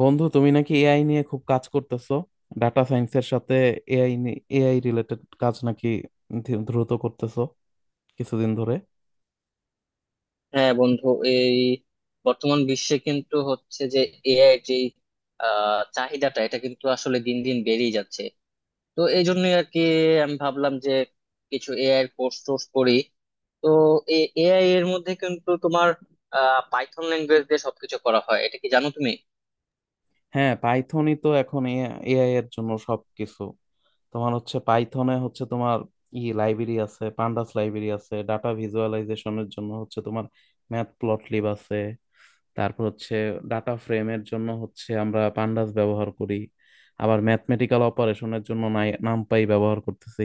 বন্ধু, তুমি নাকি এআই নিয়ে খুব কাজ করতেছো? ডাটা সায়েন্সের সাথে এআই এআই রিলেটেড কাজ নাকি দ্রুত করতেছো কিছুদিন ধরে? হ্যাঁ বন্ধু। এই বর্তমান বিশ্বে কিন্তু হচ্ছে যে এআই যে চাহিদাটা এটা কিন্তু আসলে দিন দিন বেড়েই যাচ্ছে। তো এই জন্য আর কি আমি ভাবলাম যে কিছু এআই এর কোর্স টোর্স করি। তো এআই এর মধ্যে কিন্তু তোমার পাইথন ল্যাঙ্গুয়েজ দিয়ে সবকিছু করা হয়, এটা কি জানো তুমি? হ্যাঁ, পাইথনই তো এখন এআই এর জন্য সবকিছু। তোমার হচ্ছে পাইথনে হচ্ছে তোমার লাইব্রেরি আছে, পান্ডাস লাইব্রেরি আছে, ডাটা ভিজুয়ালাইজেশনের জন্য হচ্ছে তোমার ম্যাথ প্লটলিব আছে। তারপর হচ্ছে ডাটা ফ্রেমের জন্য হচ্ছে আমরা পান্ডাস ব্যবহার করি। আবার ম্যাথমেটিক্যাল অপারেশনের জন্য নামপাই ব্যবহার করতেছি।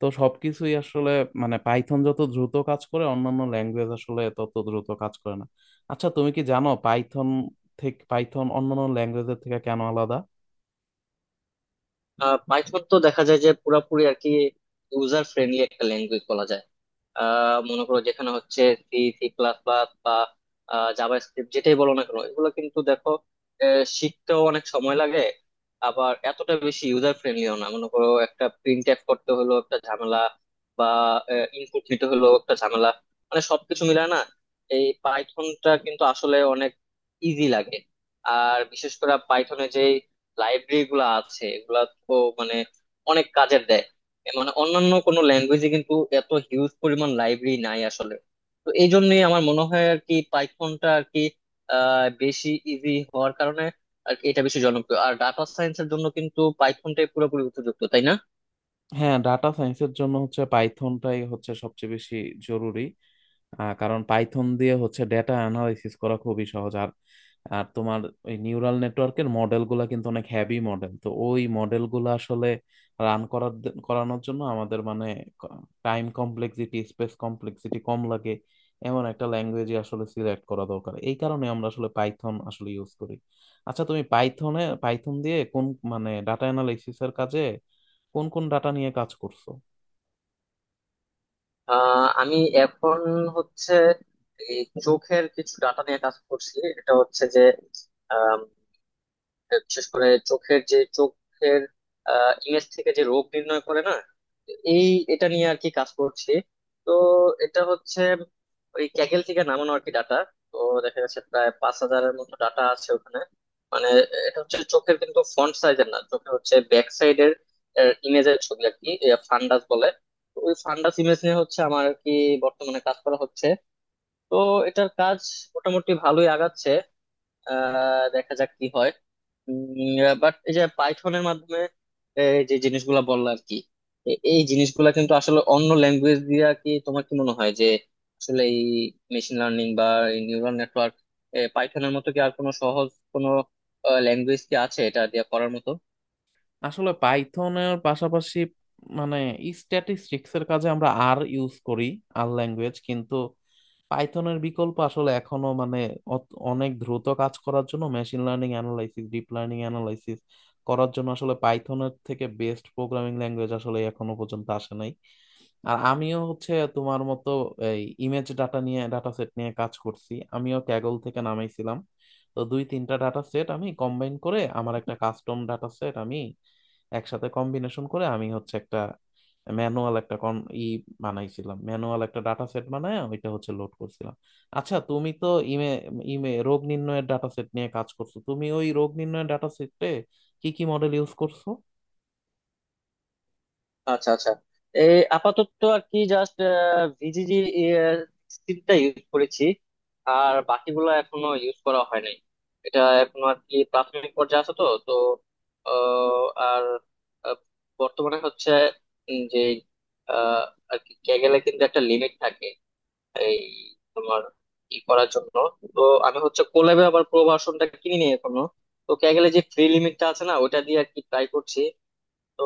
তো সবকিছুই আসলে মানে পাইথন যত দ্রুত কাজ করে অন্যান্য ল্যাঙ্গুয়েজ আসলে তত দ্রুত কাজ করে না। আচ্ছা, তুমি কি জানো পাইথন অন্যান্য ল্যাঙ্গুয়েজের থেকে কেন আলাদা? পাইথন তো দেখা যায় যে পুরাপুরি আর কি ইউজার ফ্রেন্ডলি একটা ল্যাঙ্গুয়েজ বলা যায়। মনে করো যেখানে হচ্ছে সি সি প্লাস প্লাস বা জাভা স্ক্রিপ্ট যেটাই বলো না কেন, এগুলো কিন্তু দেখো শিখতেও অনেক সময় লাগে। আবার এতটা বেশি ইউজার ফ্রেন্ডলিও না, মনে করো একটা প্রিন্ট এফ করতে হলো একটা ঝামেলা, বা ইনপুট নিতে হলো একটা ঝামেলা, মানে সবকিছু মিলায় না। এই পাইথনটা কিন্তু আসলে অনেক ইজি লাগে। আর বিশেষ করে পাইথনে যে লাইব্রেরি গুলো আছে এগুলা তো মানে অনেক কাজের দেয়। এ মানে অন্যান্য কোনো ল্যাঙ্গুয়েজে কিন্তু এত হিউজ পরিমাণ লাইব্রেরি নাই আসলে। তো এই জন্যই আমার মনে হয় আর কি পাইথনটা আর কি বেশি ইজি হওয়ার কারণে আর কি এটা বেশি জনপ্রিয়। আর ডাটা সায়েন্সের জন্য কিন্তু পাইথনটাই পুরোপুরি উপযুক্ত, তাই না? হ্যাঁ, ডাটা সায়েন্সের জন্য হচ্ছে পাইথনটাই হচ্ছে সবচেয়ে বেশি জরুরি। কারণ পাইথন দিয়ে হচ্ছে ডেটা অ্যানালাইসিস করা খুবই সহজ। আর আর তোমার ওই নিউরাল নেটওয়ার্কের মডেল গুলা কিন্তু অনেক হ্যাভি মডেল। তো ওই মডেল গুলা আসলে রান করার করানোর জন্য আমাদের মানে টাইম কমপ্লেক্সিটি, স্পেস কমপ্লেক্সিটি কম লাগে। এমন একটা ল্যাঙ্গুয়েজই আসলে সিলেক্ট করা দরকার। এই কারণে আমরা আসলে পাইথন আসলে ইউজ করি। আচ্ছা, তুমি পাইথন দিয়ে কোন মানে ডাটা অ্যানালাইসিস এর কাজে কোন কোন ডাটা নিয়ে কাজ করছো? আমি এখন হচ্ছে এই চোখের কিছু ডাটা নিয়ে কাজ করছি। এটা হচ্ছে যে বিশেষ করে চোখের ইমেজ থেকে যে রোগ নির্ণয় করে না, এই এটা নিয়ে আর কি কাজ করছি। তো এটা হচ্ছে ওই ক্যাগেল থেকে নামানো আর কি ডাটা। তো দেখা যাচ্ছে প্রায় পাঁচ হাজারের মতো ডাটা আছে ওখানে। মানে এটা হচ্ছে চোখের কিন্তু ফ্রন্ট সাইজের না, চোখের হচ্ছে ব্যাক সাইডের ইমেজের ছবি আর কি, ফান্ডাস বলে। তো ওই ফান্ডাস ইমেজ নিয়ে হচ্ছে আমার আর কি বর্তমানে কাজ করা হচ্ছে। তো এটার কাজ মোটামুটি ভালোই আগাচ্ছে। দেখা যাক কি হয়। বাট এই যে পাইথনের মাধ্যমে এই যে জিনিসগুলা বললো আর কি, এই জিনিসগুলা কিন্তু আসলে অন্য ল্যাঙ্গুয়েজ দিয়া কি, তোমার কি মনে হয় যে আসলে এই মেশিন লার্নিং বা নিউরাল নেটওয়ার্ক পাইথনের মতো কি আর কোনো সহজ কোনো ল্যাঙ্গুয়েজ কি আছে এটা দিয়ে করার মতো? আসলে পাইথনের পাশাপাশি মানে স্ট্যাটিস্টিক্স এর কাজে আমরা আর ইউজ করি। আর ল্যাঙ্গুয়েজ কিন্তু পাইথনের বিকল্প আসলে এখনো মানে অনেক দ্রুত কাজ করার জন্য, machine learning analysis, deep learning analysis করার জন্য আসলে পাইথনের থেকে বেস্ট প্রোগ্রামিং ল্যাঙ্গুয়েজ আসলে এখনো পর্যন্ত আসে নাই। আর আমিও হচ্ছে তোমার মতো এই ইমেজ ডাটা নিয়ে, ডাটা সেট নিয়ে কাজ করছি। আমিও ক্যাগল থেকে নামাইছিলাম। তো দুই তিনটা ডাটা সেট আমি কম্বাইন করে আমার একটা কাস্টম ডাটা সেট আমি একসাথে কম্বিনেশন করে আমি হচ্ছে একটা ম্যানুয়াল একটা কন ই বানাইছিলাম। ম্যানুয়াল একটা ডাটা সেট বানায় ওইটা হচ্ছে লোড করছিলাম। আচ্ছা, তুমি তো ইমে ইমে রোগ নির্ণয়ের ডাটা সেট নিয়ে কাজ করছো। তুমি ওই রোগ নির্ণয়ের ডাটা সেটে কি কি মডেল ইউজ করছো? আচ্ছা আচ্ছা। এই আপাতত আর কি জাস্ট ভিজিজি সিটটা ইউজ করেছি, আর বাকিগুলো এখনো ইউজ করা হয় নাই। এটা এখনো আর কি প্রাথমিক পর্যায়ে আছে। তো তো আহ, আর আহ, বর্তমানে হচ্ছে উম যে আহ, আর কি ক্যাগেলে কিন্তু একটা লিমিট থাকে এই তোমার ই করার জন্য। তো আমি হচ্ছে কোল্যাবে আবার প্রো ভার্সনটা কিনি নি এখনো। তো ক্যাগেলে যে ফ্রি লিমিটটা আছে না ওটা দিয়ে আর কি ট্রাই করছি। তো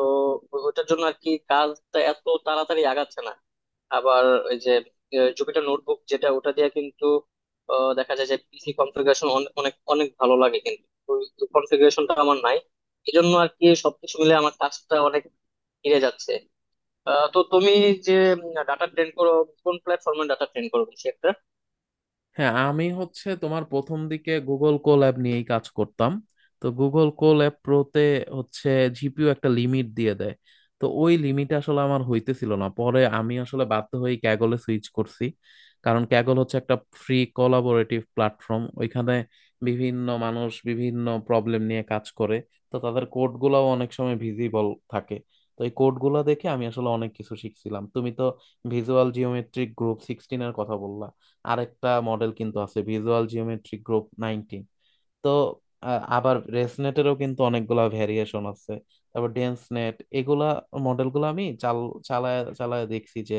ওটার জন্য আর কি কাজটা এত তাড়াতাড়ি আগাচ্ছে না। আবার ওই যে জুপিটার নোটবুক যেটা ওটা দিয়ে কিন্তু দেখা যায় যে পিসি কনফিগারেশন অনেক অনেক ভালো লাগে, কিন্তু কনফিগারেশনটা আমার নাই। এই জন্য আর কি সবকিছু মিলে আমার কাজটা অনেক এড়ে যাচ্ছে। তো তুমি যে ডাটা ট্রেন করো, কোন প্ল্যাটফর্মে ডাটা ট্রেন করো বেশি একটা? হ্যাঁ, আমি হচ্ছে তোমার প্রথম দিকে গুগল কোল্যাব নিয়েই কাজ করতাম। তো গুগল কোল্যাব প্রোতে হচ্ছে জিপিইউ একটা লিমিট দিয়ে দেয়। তো ওই লিমিট আসলে আমার হইতেছিল না, পরে আমি আসলে বাধ্য হয়ে ক্যাগলে সুইচ করছি। কারণ ক্যাগল হচ্ছে একটা ফ্রি কোলাবোরেটিভ প্ল্যাটফর্ম। ওইখানে বিভিন্ন মানুষ বিভিন্ন প্রবলেম নিয়ে কাজ করে। তো তাদের কোডগুলোও অনেক সময় ভিজিবল থাকে। তো এই কোডগুলো দেখে আমি আসলে অনেক কিছু শিখছিলাম। তুমি তো ভিজুয়াল জিওমেট্রিক গ্রুপ সিক্সটিনের কথা বললা। আরেকটা মডেল কিন্তু আছে ভিজুয়াল জিওমেট্রিক গ্রুপ নাইনটি। তো আ- আবার রেসনেটেরও কিন্তু অনেকগুলা ভেরিয়েশন আছে। তারপর ডেন্স নেট এগুলা মডেলগুলো আমি চালায় চালায় দেখছি যে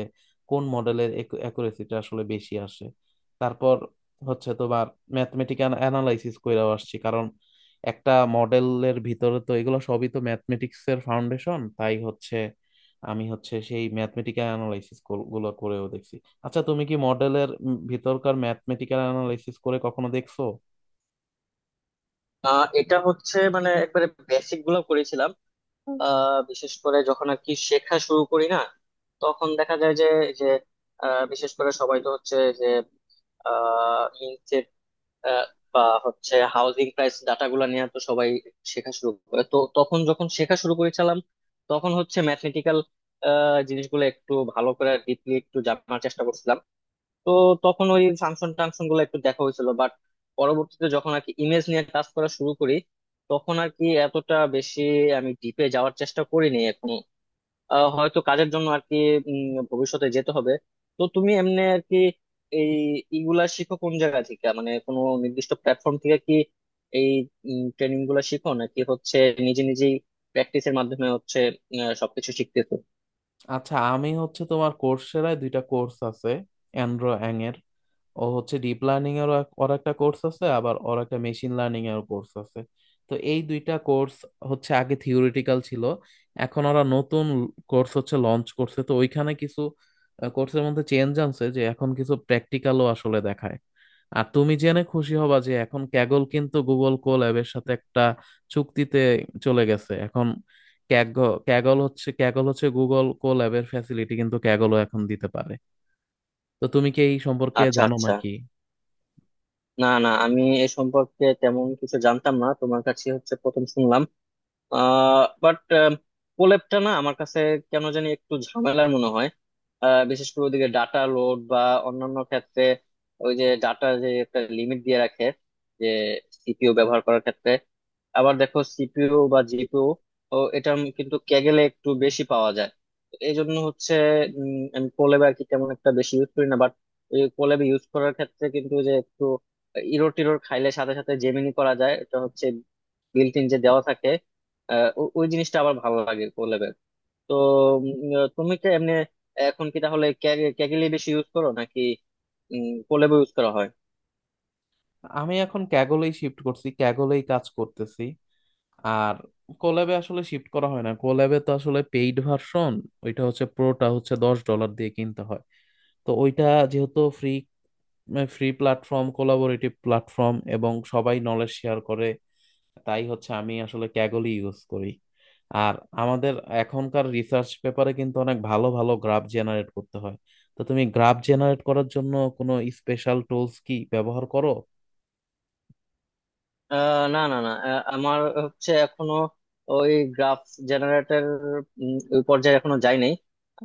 কোন মডেলের অ্যাকুরেসিটা আসলে বেশি আসে। তারপর হচ্ছে তোমার ম্যাথমেটিক্যাল অ্যানালাইসিস কইরাও আসছি। কারণ একটা মডেলের ভিতরে তো এগুলো সবই তো ম্যাথমেটিক্স এর ফাউন্ডেশন। তাই হচ্ছে আমি হচ্ছে সেই ম্যাথমেটিক্যাল অ্যানালাইসিস গুলো করেও দেখছি। আচ্ছা, তুমি কি মডেলের ভিতরকার ম্যাথমেটিক্যাল অ্যানালাইসিস করে কখনো দেখছো? এটা হচ্ছে মানে একবারে বেসিক গুলো করেছিলাম। বিশেষ করে যখন আর কি শেখা শুরু করি না, তখন দেখা যায় যে যে বিশেষ করে সবাই তো হচ্ছে যে ইনসেট বা হচ্ছে হাউজিং প্রাইস ডাটা গুলা নিয়ে তো সবাই শেখা শুরু করে। তো তখন যখন শেখা শুরু করেছিলাম তখন হচ্ছে ম্যাথমেটিক্যাল জিনিসগুলো একটু ভালো করে ডিপলি একটু জানার চেষ্টা করছিলাম। তো তখন ওই ফাংশন টাংশন গুলো একটু দেখা হয়েছিল, বাট পরবর্তীতে যখন আর কি ইমেজ নিয়ে কাজ করা শুরু করি তখন আর কি এতটা বেশি আমি ডিপে যাওয়ার চেষ্টা করিনি এখন। হয়তো কাজের জন্য আর কি উম, ভবিষ্যতে যেতে হবে। তো তুমি এমনি আর কি এই ইগুলা শিখো কোন জায়গা থেকে, মানে কোনো নির্দিষ্ট প্ল্যাটফর্ম থেকে কি এই ট্রেনিং গুলা শিখো নাকি হচ্ছে নিজে নিজেই প্র্যাকটিসের মাধ্যমে হচ্ছে সবকিছু শিখতেছো? আচ্ছা, আমি হচ্ছে তোমার কোর্সেরায় দুইটা কোর্স আছে। অ্যান্ড্রো অ্যাং এর, ও হচ্ছে ডিপ লার্নিং এর, ওর একটা কোর্স আছে। আবার ওর একটা মেশিন লার্নিং এর কোর্স আছে। তো এই দুইটা কোর্স হচ্ছে আগে থিওরিটিক্যাল ছিল। এখন ওরা নতুন কোর্স হচ্ছে লঞ্চ করছে। তো ওইখানে কিছু কোর্সের মধ্যে চেঞ্জ আনছে যে এখন কিছু প্র্যাকটিক্যালও আসলে দেখায়। আর তুমি জেনে খুশি হবা যে এখন ক্যাগল কিন্তু গুগল কোল্যাবের সাথে একটা চুক্তিতে চলে গেছে। এখন ক্যাগল ক্যাগল হচ্ছে ক্যাগল হচ্ছে গুগল কোল্যাবের ফ্যাসিলিটি কিন্তু ক্যাগলও এখন দিতে পারে। তো তুমি কি এই সম্পর্কে আচ্ছা জানো আচ্ছা। নাকি? না না আমি এ সম্পর্কে তেমন কিছু জানতাম না, তোমার কাছে হচ্ছে প্রথম শুনলাম। বাট কোলেবটা না আমার কাছে কেন জানি একটু ঝামেলার মনে হয়। বিশেষ করে ওদিকে ডাটা লোড বা অন্যান্য ক্ষেত্রে ওই যে ডাটা যে একটা লিমিট দিয়ে রাখে যে সিপিইউ ব্যবহার করার ক্ষেত্রে। আবার দেখো সিপিইউ বা জিপিইউ ও এটা কিন্তু ক্যাগেলে একটু বেশি পাওয়া যায়। তো এই জন্য হচ্ছে আমি কোলেব আর কি তেমন একটা বেশি ইউজ করি না। বাট ওই কোলেব ইউজ করার ক্ষেত্রে কিন্তু যে একটু ইরো টিরোর খাইলে সাথে সাথে জেমিনি করা যায়, এটা হচ্ছে বিল্ট ইন যে দেওয়া থাকে। ওই জিনিসটা আবার ভালো লাগে কোল্যাবের। তো তুমি কি এমনি এখন কি তাহলে ক্যাগেলি বেশি ইউজ করো নাকি কোল্যাবও ইউজ করা হয়? আমি এখন ক্যাগলেই শিফট করছি, ক্যাগলেই কাজ করতেছি। আর কোল্যাবে আসলে শিফট করা হয় না, কোল্যাবে তো আসলে পেইড ভার্সন। ওইটা হচ্ছে প্রোটা হচ্ছে 10 ডলার দিয়ে কিনতে হয়। তো ওইটা যেহেতু free free platform, collaborative platform এবং সবাই নলেজ শেয়ার করে, তাই হচ্ছে আমি আসলে ক্যাগলই ইউজ করি। আর আমাদের এখনকার রিসার্চ পেপারে কিন্তু অনেক ভালো ভালো গ্রাফ জেনারেট করতে হয়। তো তুমি গ্রাফ জেনারেট করার জন্য কোনো স্পেশাল টুলস কি ব্যবহার করো? আহ, না না না, আমার হচ্ছে এখনো ওই গ্রাফ জেনারেটর ওই পর্যায়ে এখনো যাই নাই।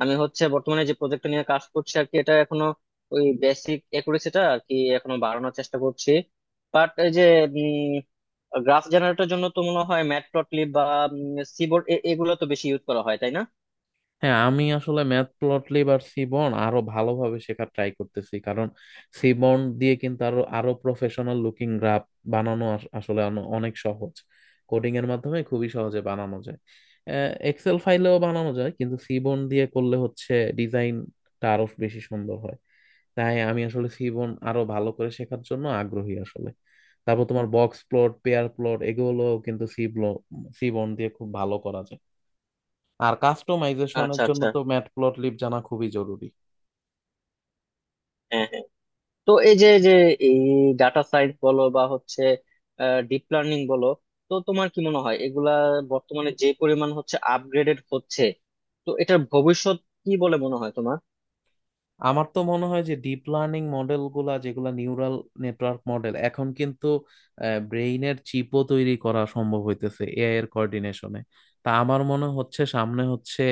আমি হচ্ছে বর্তমানে যে প্রজেক্ট নিয়ে কাজ করছি আর কি, এটা এখনো ওই বেসিক একুরেসিটা আর কি এখনো বাড়ানোর চেষ্টা করছি। বাট এই যে গ্রাফ জেনারেটর জন্য তো মনে হয় ম্যাটপ্লটলিব বা সিবোর্ড এগুলো তো বেশি ইউজ করা হয়, তাই না? হ্যাঁ, আমি আসলে ম্যাথ প্লটলিব আর সিবন আরো ভালোভাবে শেখার ট্রাই করতেছি। কারণ সিবন দিয়ে কিন্তু আরো আরো প্রফেশনাল লুকিং গ্রাফ বানানো আসলে অনেক সহজ। কোডিং এর মাধ্যমে খুবই সহজে বানানো যায়। এক্সেল ফাইলেও বানানো যায়, কিন্তু সিবন দিয়ে করলে হচ্ছে ডিজাইনটা আরো বেশি সুন্দর হয়। তাই আমি আসলে সিবন আরো ভালো করে শেখার জন্য আগ্রহী আসলে। তারপর তোমার বক্স প্লট, পেয়ার প্লট এগুলো কিন্তু সিবন দিয়ে খুব ভালো করা যায়। আর কাস্টমাইজেশনের আচ্ছা জন্য আচ্ছা, তো ম্যাটপ্লটলিব জানা খুবই জরুরি। হ্যাঁ হ্যাঁ। তো এই যে যে এই ডাটা সায়েন্স বলো বা হচ্ছে ডিপ লার্নিং বলো, তো তোমার কি মনে হয় এগুলা বর্তমানে যে পরিমাণ হচ্ছে আপগ্রেডেড হচ্ছে, তো এটার ভবিষ্যৎ কি বলে মনে হয় তোমার? আমার তো মনে হয় যে ডিপ লার্নিং মডেল গুলা যেগুলা নিউরাল নেটওয়ার্ক মডেল, এখন কিন্তু ব্রেইনের চিপও তৈরি করা সম্ভব হইতেছে এআই এর কোঅর্ডিনেশনে। তা আমার মনে হচ্ছে সামনে হচ্ছে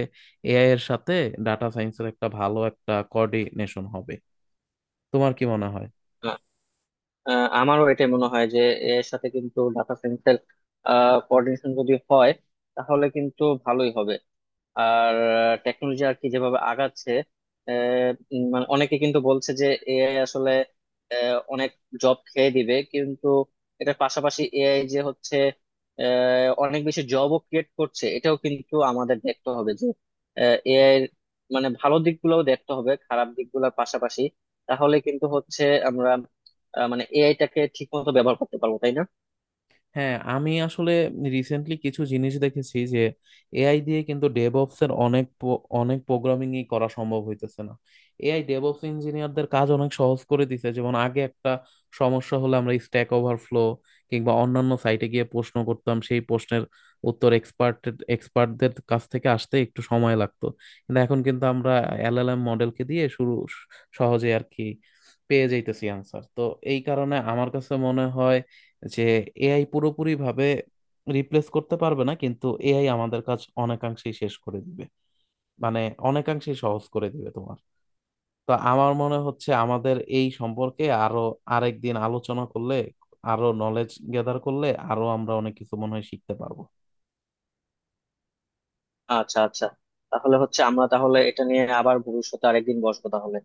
এআই এর সাথে ডাটা সায়েন্সের একটা ভালো একটা কোঅর্ডিনেশন হবে। তোমার কি মনে হয়? আ- আ- আমারও এটা মনে হয় যে এর সাথে কিন্তু ডাটা সায়েন্সের কোঅর্ডিনেশন যদি হয় তাহলে কিন্তু ভালোই হবে। আর টেকনোলজি আর কি যেভাবে আগাচ্ছে মানে অনেকে কিন্তু বলছে যে এআই আসলে অনেক জব খেয়ে দিবে, কিন্তু এটার পাশাপাশি এআই যে হচ্ছে অনেক বেশি জবও ক্রিয়েট করছে, এটাও কিন্তু আমাদের দেখতে হবে যে এআই এর মানে ভালো দিকগুলোও দেখতে হবে খারাপ দিকগুলোর পাশাপাশি। তাহলে কিন্তু হচ্ছে আমরা মানে এআইটাকে ঠিক মতো ব্যবহার করতে পারবো, তাই না? হ্যাঁ, আমি আসলে রিসেন্টলি কিছু জিনিস দেখেছি যে এআই দিয়ে কিন্তু ডেভঅপস এর অনেক প- অনেক প্রোগ্রামিং ই করা সম্ভব হইতেছে না। এআই ডেভঅপস ইঞ্জিনিয়ারদের কাজ অনেক সহজ করে দিছে। যেমন আগে একটা সমস্যা হলে আমরা স্ট্যাক ওভারফ্লো কিংবা অন্যান্য সাইটে গিয়ে প্রশ্ন করতাম, সেই প্রশ্নের উত্তর এক্সপার্টদের কাছ থেকে আসতে একটু সময় লাগতো। কিন্তু এখন কিন্তু আমরা এলএলএম মডেলকে দিয়ে শুরু সহজে আর কি পেয়ে যাইতেছি আনসার। তো এই কারণে আমার কাছে মনে হয় যে এআই পুরোপুরিভাবে রিপ্লেস করতে পারবে না, কিন্তু এআই আমাদের কাজ অনেকাংশেই শেষ করে দিবে মানে অনেকাংশেই সহজ করে দিবে তোমার। তো আমার মনে হচ্ছে আমাদের এই সম্পর্কে আরো আরেকদিন আলোচনা করলে, আরো নলেজ গ্যাদার করলে, আরো আমরা অনেক কিছু মনে হয় শিখতে পারবো। আচ্ছা আচ্ছা। তাহলে হচ্ছে আমরা তাহলে এটা নিয়ে আবার ভবিষ্যতে আরেকদিন বসবো তাহলে।